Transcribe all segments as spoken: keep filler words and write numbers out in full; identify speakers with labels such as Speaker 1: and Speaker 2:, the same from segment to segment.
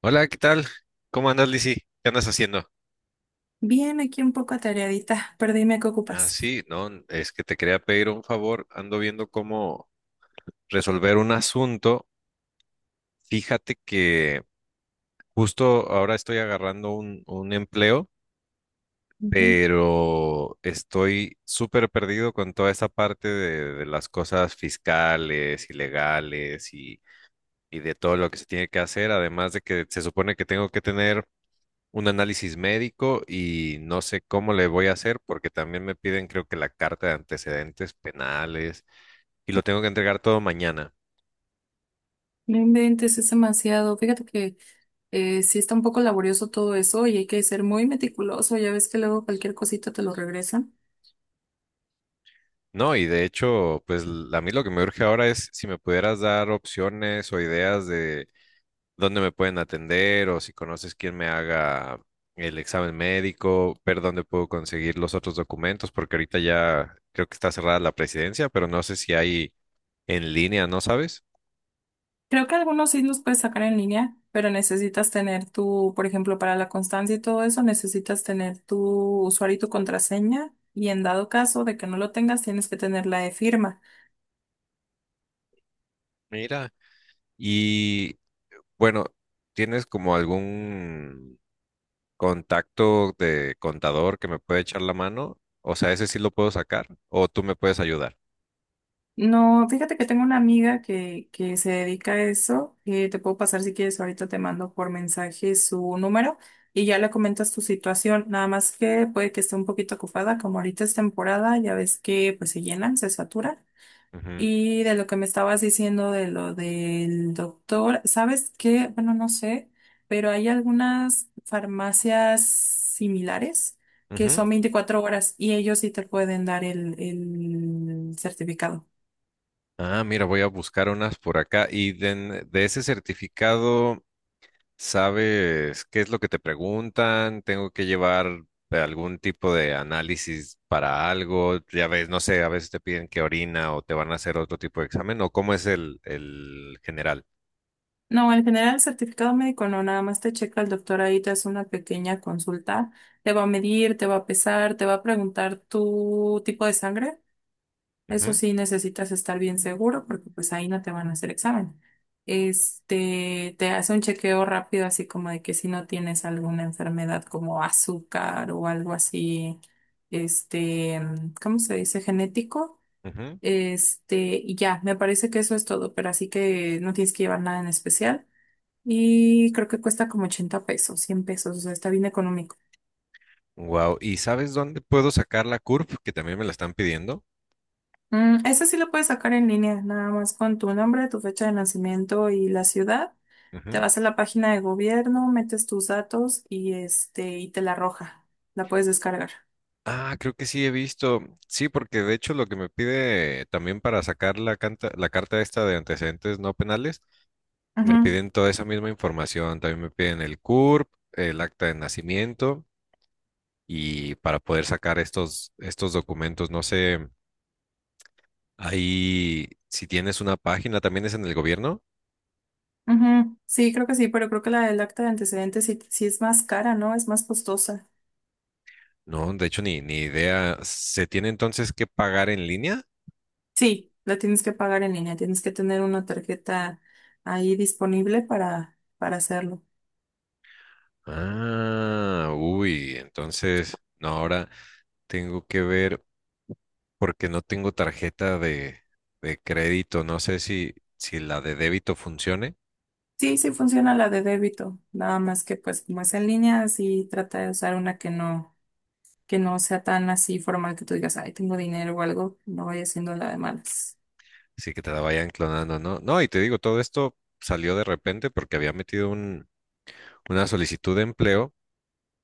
Speaker 1: Hola, ¿qué tal? ¿Cómo andas, Lizzy? ¿Qué andas haciendo?
Speaker 2: Bien, aquí un poco atareadita, pero dime qué
Speaker 1: Ah,
Speaker 2: ocupas.
Speaker 1: sí, no, es que te quería pedir un favor. Ando viendo cómo resolver un asunto. Fíjate que justo ahora estoy agarrando un, un empleo, pero estoy súper perdido con toda esa parte de, de las cosas fiscales y legales y, y de todo lo que se tiene que hacer. Además de que se supone que tengo que tener un análisis médico y no sé cómo le voy a hacer porque también me piden, creo que, la carta de antecedentes penales y lo tengo que entregar todo mañana.
Speaker 2: No inventes, es demasiado. Fíjate que eh, sí está un poco laborioso todo eso y hay que ser muy meticuloso. Ya ves que luego cualquier cosita te lo regresan.
Speaker 1: No, y de hecho, pues l- a mí lo que me urge ahora es si me pudieras dar opciones o ideas de dónde me pueden atender o si conoces quién me haga el examen médico, ver dónde puedo conseguir los otros documentos, porque ahorita ya creo que está cerrada la presidencia, pero no sé si hay en línea, ¿no sabes?
Speaker 2: Creo que algunos sí los puedes sacar en línea, pero necesitas tener tu, por ejemplo, para la constancia y todo eso, necesitas tener tu usuario y tu contraseña. Y en dado caso de que no lo tengas, tienes que tener la de firma.
Speaker 1: Mira. Y Bueno, ¿tienes como algún contacto de contador que me puede echar la mano? O sea, ese sí lo puedo sacar o tú me puedes ayudar.
Speaker 2: No, fíjate que tengo una amiga que, que se dedica a eso. Eh, te puedo pasar si quieres, ahorita te mando por mensaje su número y ya le comentas tu situación. Nada más que puede que esté un poquito ocupada, como ahorita es temporada, ya ves que pues se llenan, se saturan.
Speaker 1: Ujú,
Speaker 2: Y de lo que me estabas diciendo de lo del doctor, ¿sabes qué? Bueno, no sé, pero hay algunas farmacias similares que
Speaker 1: ujú.
Speaker 2: son veinticuatro horas y ellos sí te pueden dar el el certificado.
Speaker 1: Ah, mira, voy a buscar unas por acá. Y de, en- de ese certificado, ¿sabes qué es lo que te preguntan? ¿Tengo que llevar algún tipo de análisis para algo? Ya ves, no sé, a veces te piden que orina o te van a hacer otro tipo de examen o cómo es el, el general.
Speaker 2: No, en general el certificado médico no, nada más te checa el doctor ahí, te hace una pequeña consulta, te va a medir, te va a pesar, te va a preguntar tu tipo de sangre. Eso
Speaker 1: Ujú,
Speaker 2: sí necesitas estar bien seguro porque pues ahí no te van a hacer examen. Este, te hace un chequeo rápido así como de que si no tienes alguna enfermedad como azúcar o algo así, este, ¿cómo se dice? Genético.
Speaker 1: ujú.
Speaker 2: Este, y ya, me parece que eso es todo, pero así que no tienes que llevar nada en especial. Y creo que cuesta como ochenta pesos, cien pesos, o sea, está bien económico.
Speaker 1: Wow. ¿Y sabes dónde puedo sacar la CURP? Que también me la están pidiendo.
Speaker 2: Mm, ese sí lo puedes sacar en línea, nada más con tu nombre, tu fecha de nacimiento y la ciudad. Te
Speaker 1: Ujú.
Speaker 2: vas a la página de gobierno, metes tus datos y este, y te la arroja. La puedes descargar.
Speaker 1: Ah, creo que sí he visto. Sí, porque de hecho lo que me pide también para sacar la, canta- la carta esta de antecedentes no penales, me
Speaker 2: Ujú,
Speaker 1: piden toda esa misma información. También me piden el CURP, el acta de nacimiento y para poder sacar estos, estos documentos, no sé, ahí si tienes una página, también es en el gobierno.
Speaker 2: ujú. Sí, creo que sí, pero creo que la del acta de antecedentes sí, sí es más cara, ¿no? Es más costosa.
Speaker 1: No, de hecho ni, ni idea. ¿Se tiene entonces que pagar en línea?
Speaker 2: Sí, la tienes que pagar en línea, tienes que tener una tarjeta ahí disponible para, para hacerlo.
Speaker 1: Ah, uy, entonces, no, ahora tengo que ver porque no tengo tarjeta de, de crédito, no sé si, si la de débito funcione,
Speaker 2: Sí, sí funciona la de débito, nada más que pues como es en línea, sí trata de usar una que no, que no sea tan así formal que tú digas, ay, tengo dinero o algo, no vaya siendo la de malas.
Speaker 1: si que te la vayan clonando, ¿no? No, y te digo, todo esto salió de repente porque había metido un, una solicitud de empleo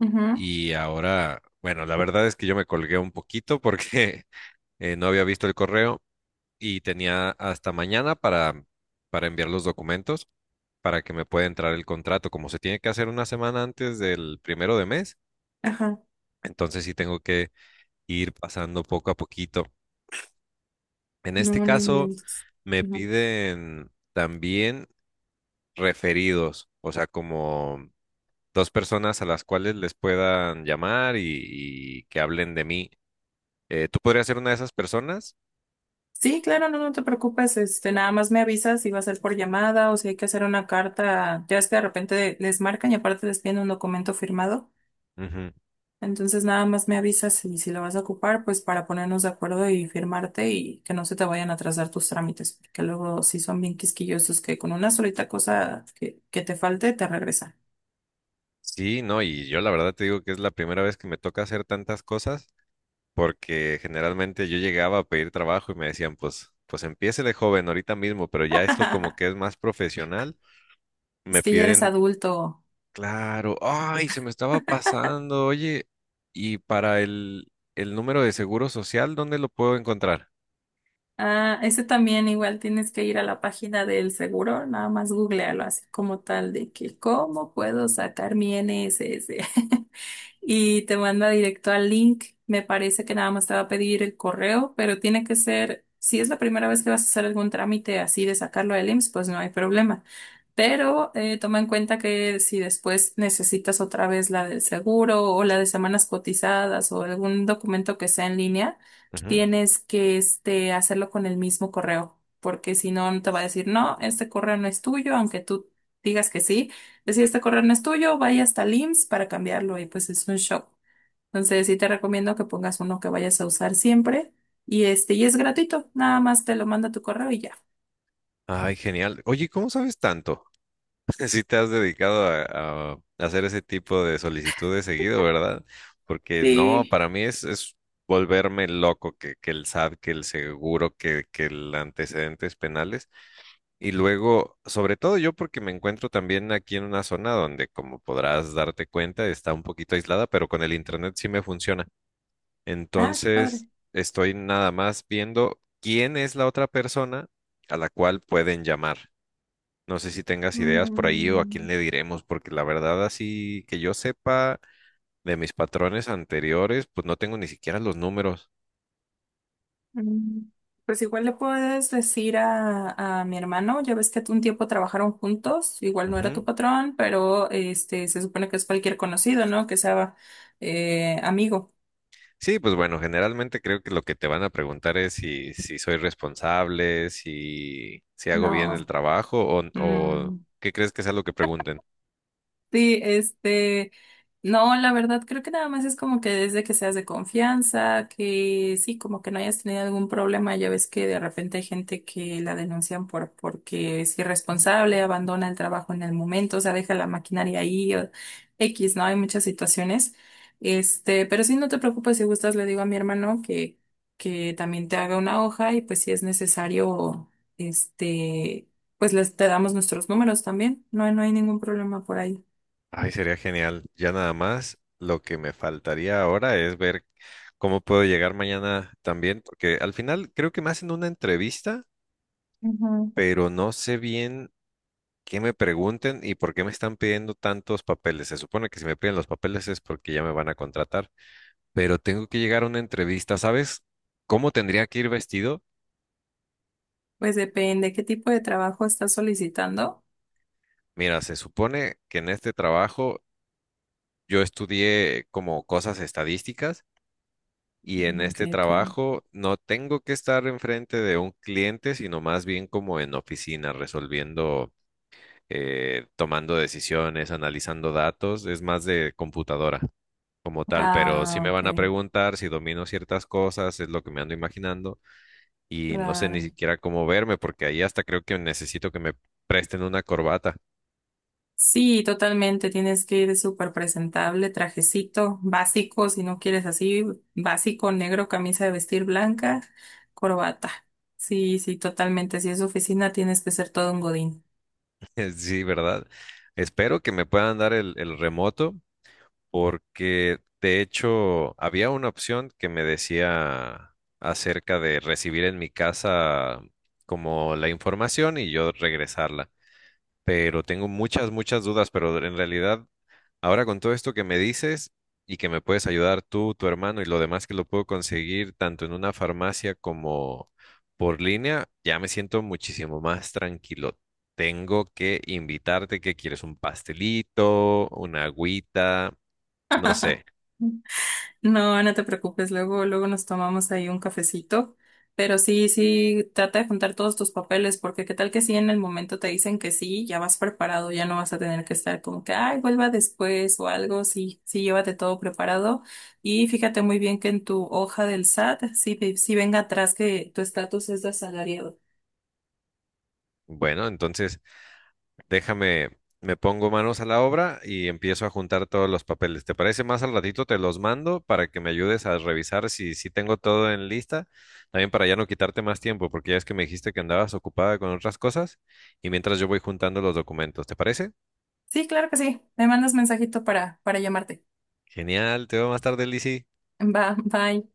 Speaker 2: Ujú.
Speaker 1: y ahora, bueno, la verdad es que yo me colgué un poquito porque eh, no había visto el correo y tenía hasta mañana para, para enviar los documentos, para que me pueda entrar el contrato. Como se tiene que hacer una semana antes del primero de mes,
Speaker 2: Ajá,
Speaker 1: entonces sí tengo que ir pasando poco a poquito. En
Speaker 2: no,
Speaker 1: este
Speaker 2: no
Speaker 1: caso,
Speaker 2: inventes.
Speaker 1: me
Speaker 2: Ujú.
Speaker 1: piden también referidos, o sea, como dos personas a las cuales les puedan llamar y, y que hablen de mí. Eh, ¿tú podrías ser una de esas personas?
Speaker 2: Sí, claro, no, no te preocupes, este, nada más me avisas si va a ser por llamada o si hay que hacer una carta, ya es que de repente les marcan y aparte les piden un documento firmado.
Speaker 1: Ujú.
Speaker 2: Entonces nada más me avisas si, si lo vas a ocupar, pues para ponernos de acuerdo y firmarte y que no se te vayan a atrasar tus trámites, porque luego si son bien quisquillosos que con una solita cosa que, que te falte te regresan.
Speaker 1: Sí, no, y yo la verdad te digo que es la primera vez que me toca hacer tantas cosas, porque generalmente yo llegaba a pedir trabajo y me decían, pues, pues empiece de joven ahorita mismo, pero ya esto como que es más profesional,
Speaker 2: Es
Speaker 1: me
Speaker 2: que ya eres
Speaker 1: piden,
Speaker 2: adulto.
Speaker 1: claro, ay, se me estaba pasando, oye, y para el, el número de seguro social, ¿dónde lo puedo encontrar?
Speaker 2: Ah, ese también igual tienes que ir a la página del seguro, nada más googlealo así como tal de que cómo puedo sacar mi N S S. Y te manda directo al link. Me parece que nada más te va a pedir el correo, pero tiene que ser, si es la primera vez que vas a hacer algún trámite así de sacarlo del IMSS, pues no hay problema. Pero eh, toma en cuenta que si después necesitas otra vez la del seguro o la de semanas cotizadas o algún documento que sea en línea,
Speaker 1: Ujú.
Speaker 2: tienes que este, hacerlo con el mismo correo, porque si no, no te va a decir, no, este correo no es tuyo, aunque tú digas que sí. Decir, este correo no es tuyo, vaya hasta el IMSS para cambiarlo y pues es un shock. Entonces, sí te recomiendo que pongas uno que vayas a usar siempre y este, y es gratuito, nada más te lo manda tu correo y ya.
Speaker 1: Ay, genial. Oye, ¿cómo sabes tanto? Si te has dedicado a, a hacer ese tipo de solicitudes seguido, ¿verdad? Porque no,
Speaker 2: Sí.
Speaker 1: para mí es, es volverme loco que, que el SAT, que el seguro, que, que el antecedentes penales. Y luego, sobre todo yo porque me encuentro también aquí en una zona donde, como podrás darte cuenta, está un poquito aislada, pero con el internet sí me funciona.
Speaker 2: Ah, qué
Speaker 1: Entonces,
Speaker 2: padre.
Speaker 1: estoy nada más viendo quién es la otra persona a la cual pueden llamar. No sé si tengas ideas por ahí o a quién le
Speaker 2: Mm.
Speaker 1: diremos, porque la verdad así que yo sepa de mis patrones anteriores, pues no tengo ni siquiera los números.
Speaker 2: Mm. Pues igual le puedes decir a, a mi hermano, ya ves que un tiempo trabajaron juntos, igual no era tu
Speaker 1: Ujú.
Speaker 2: patrón, pero este se supone que es cualquier conocido, ¿no? Que sea eh, amigo.
Speaker 1: Sí, pues bueno, generalmente creo que lo que te van a preguntar es si, si soy responsable, si, si hago bien el
Speaker 2: No.
Speaker 1: trabajo o, o
Speaker 2: Mm.
Speaker 1: qué crees que sea lo que pregunten.
Speaker 2: Sí, este, no, la verdad creo que nada más es como que desde que seas de confianza, que sí, como que no hayas tenido algún problema, ya ves que de repente hay gente que la denuncian por porque es irresponsable, abandona el trabajo en el momento, o sea, deja la maquinaria ahí o X, ¿no? Hay muchas situaciones. Este, pero sí, no te preocupes, si gustas, le digo a mi hermano que que también te haga una hoja y pues si es necesario, este, pues les te damos nuestros números también. No, no hay ningún problema por ahí.
Speaker 1: Ay, sería genial. Ya nada más, lo que me faltaría ahora es ver cómo puedo llegar mañana también, porque al final creo que me hacen una entrevista,
Speaker 2: Ujú.
Speaker 1: pero no sé bien qué me pregunten y por qué me están pidiendo tantos papeles. Se supone que si me piden los papeles es porque ya me van a contratar, pero tengo que llegar a una entrevista. ¿Sabes cómo tendría que ir vestido?
Speaker 2: Pues depende qué tipo de trabajo estás solicitando.
Speaker 1: Mira, se supone que en este trabajo yo estudié como cosas estadísticas y en
Speaker 2: Ok,
Speaker 1: este
Speaker 2: ok.
Speaker 1: trabajo no tengo que estar enfrente de un cliente, sino más bien como en oficina, resolviendo, eh, tomando decisiones, analizando datos. Es más de computadora como tal, pero sí
Speaker 2: Ah,
Speaker 1: me
Speaker 2: ok,
Speaker 1: van a preguntar si domino ciertas cosas, es lo que me ando imaginando, y no sé ni
Speaker 2: claro.
Speaker 1: siquiera cómo verme, porque ahí hasta creo que necesito que me presten una corbata.
Speaker 2: Sí, totalmente. Tienes que ir súper presentable, trajecito básico, si no quieres así, básico, negro, camisa de vestir blanca, corbata. Sí, sí, totalmente. Si es oficina, tienes que ser todo un godín.
Speaker 1: Sí, ¿verdad? Espero que me puedan dar el, el remoto, porque de hecho había una opción que me decía acerca de recibir en mi casa como la información y yo regresarla. Pero tengo muchas, muchas dudas, pero en realidad, ahora con todo esto que me dices y que me puedes ayudar tú, tu hermano y lo demás que lo puedo conseguir tanto en una farmacia como por línea, ya me siento muchísimo más tranquilo. Tengo que invitarte, que quieres? ¿Un pastelito? ¿Una agüita? No sé.
Speaker 2: No, no te preocupes, luego, luego nos tomamos ahí un cafecito, pero sí, sí, trata de juntar todos tus papeles, porque qué tal que sí en el momento te dicen que sí, ya vas preparado, ya no vas a tener que estar como que, ay, vuelva después o algo, sí, sí, llévate todo preparado y fíjate muy bien que en tu hoja del SAT, sí, ve- sí venga atrás que tu estatus es de asalariado.
Speaker 1: Bueno, entonces déjame, me pongo manos a la obra y empiezo a juntar todos los papeles. ¿Te parece más al ratito? Te los mando para que me ayudes a revisar si, si tengo todo en lista. También para ya no quitarte más tiempo, porque ya es que me dijiste que andabas ocupada con otras cosas y mientras yo voy juntando los documentos. ¿Te parece?
Speaker 2: Sí, claro que sí, me mandas mensajito para, para llamarte.
Speaker 1: Genial, te veo más tarde, Lizzy.
Speaker 2: Va, bye.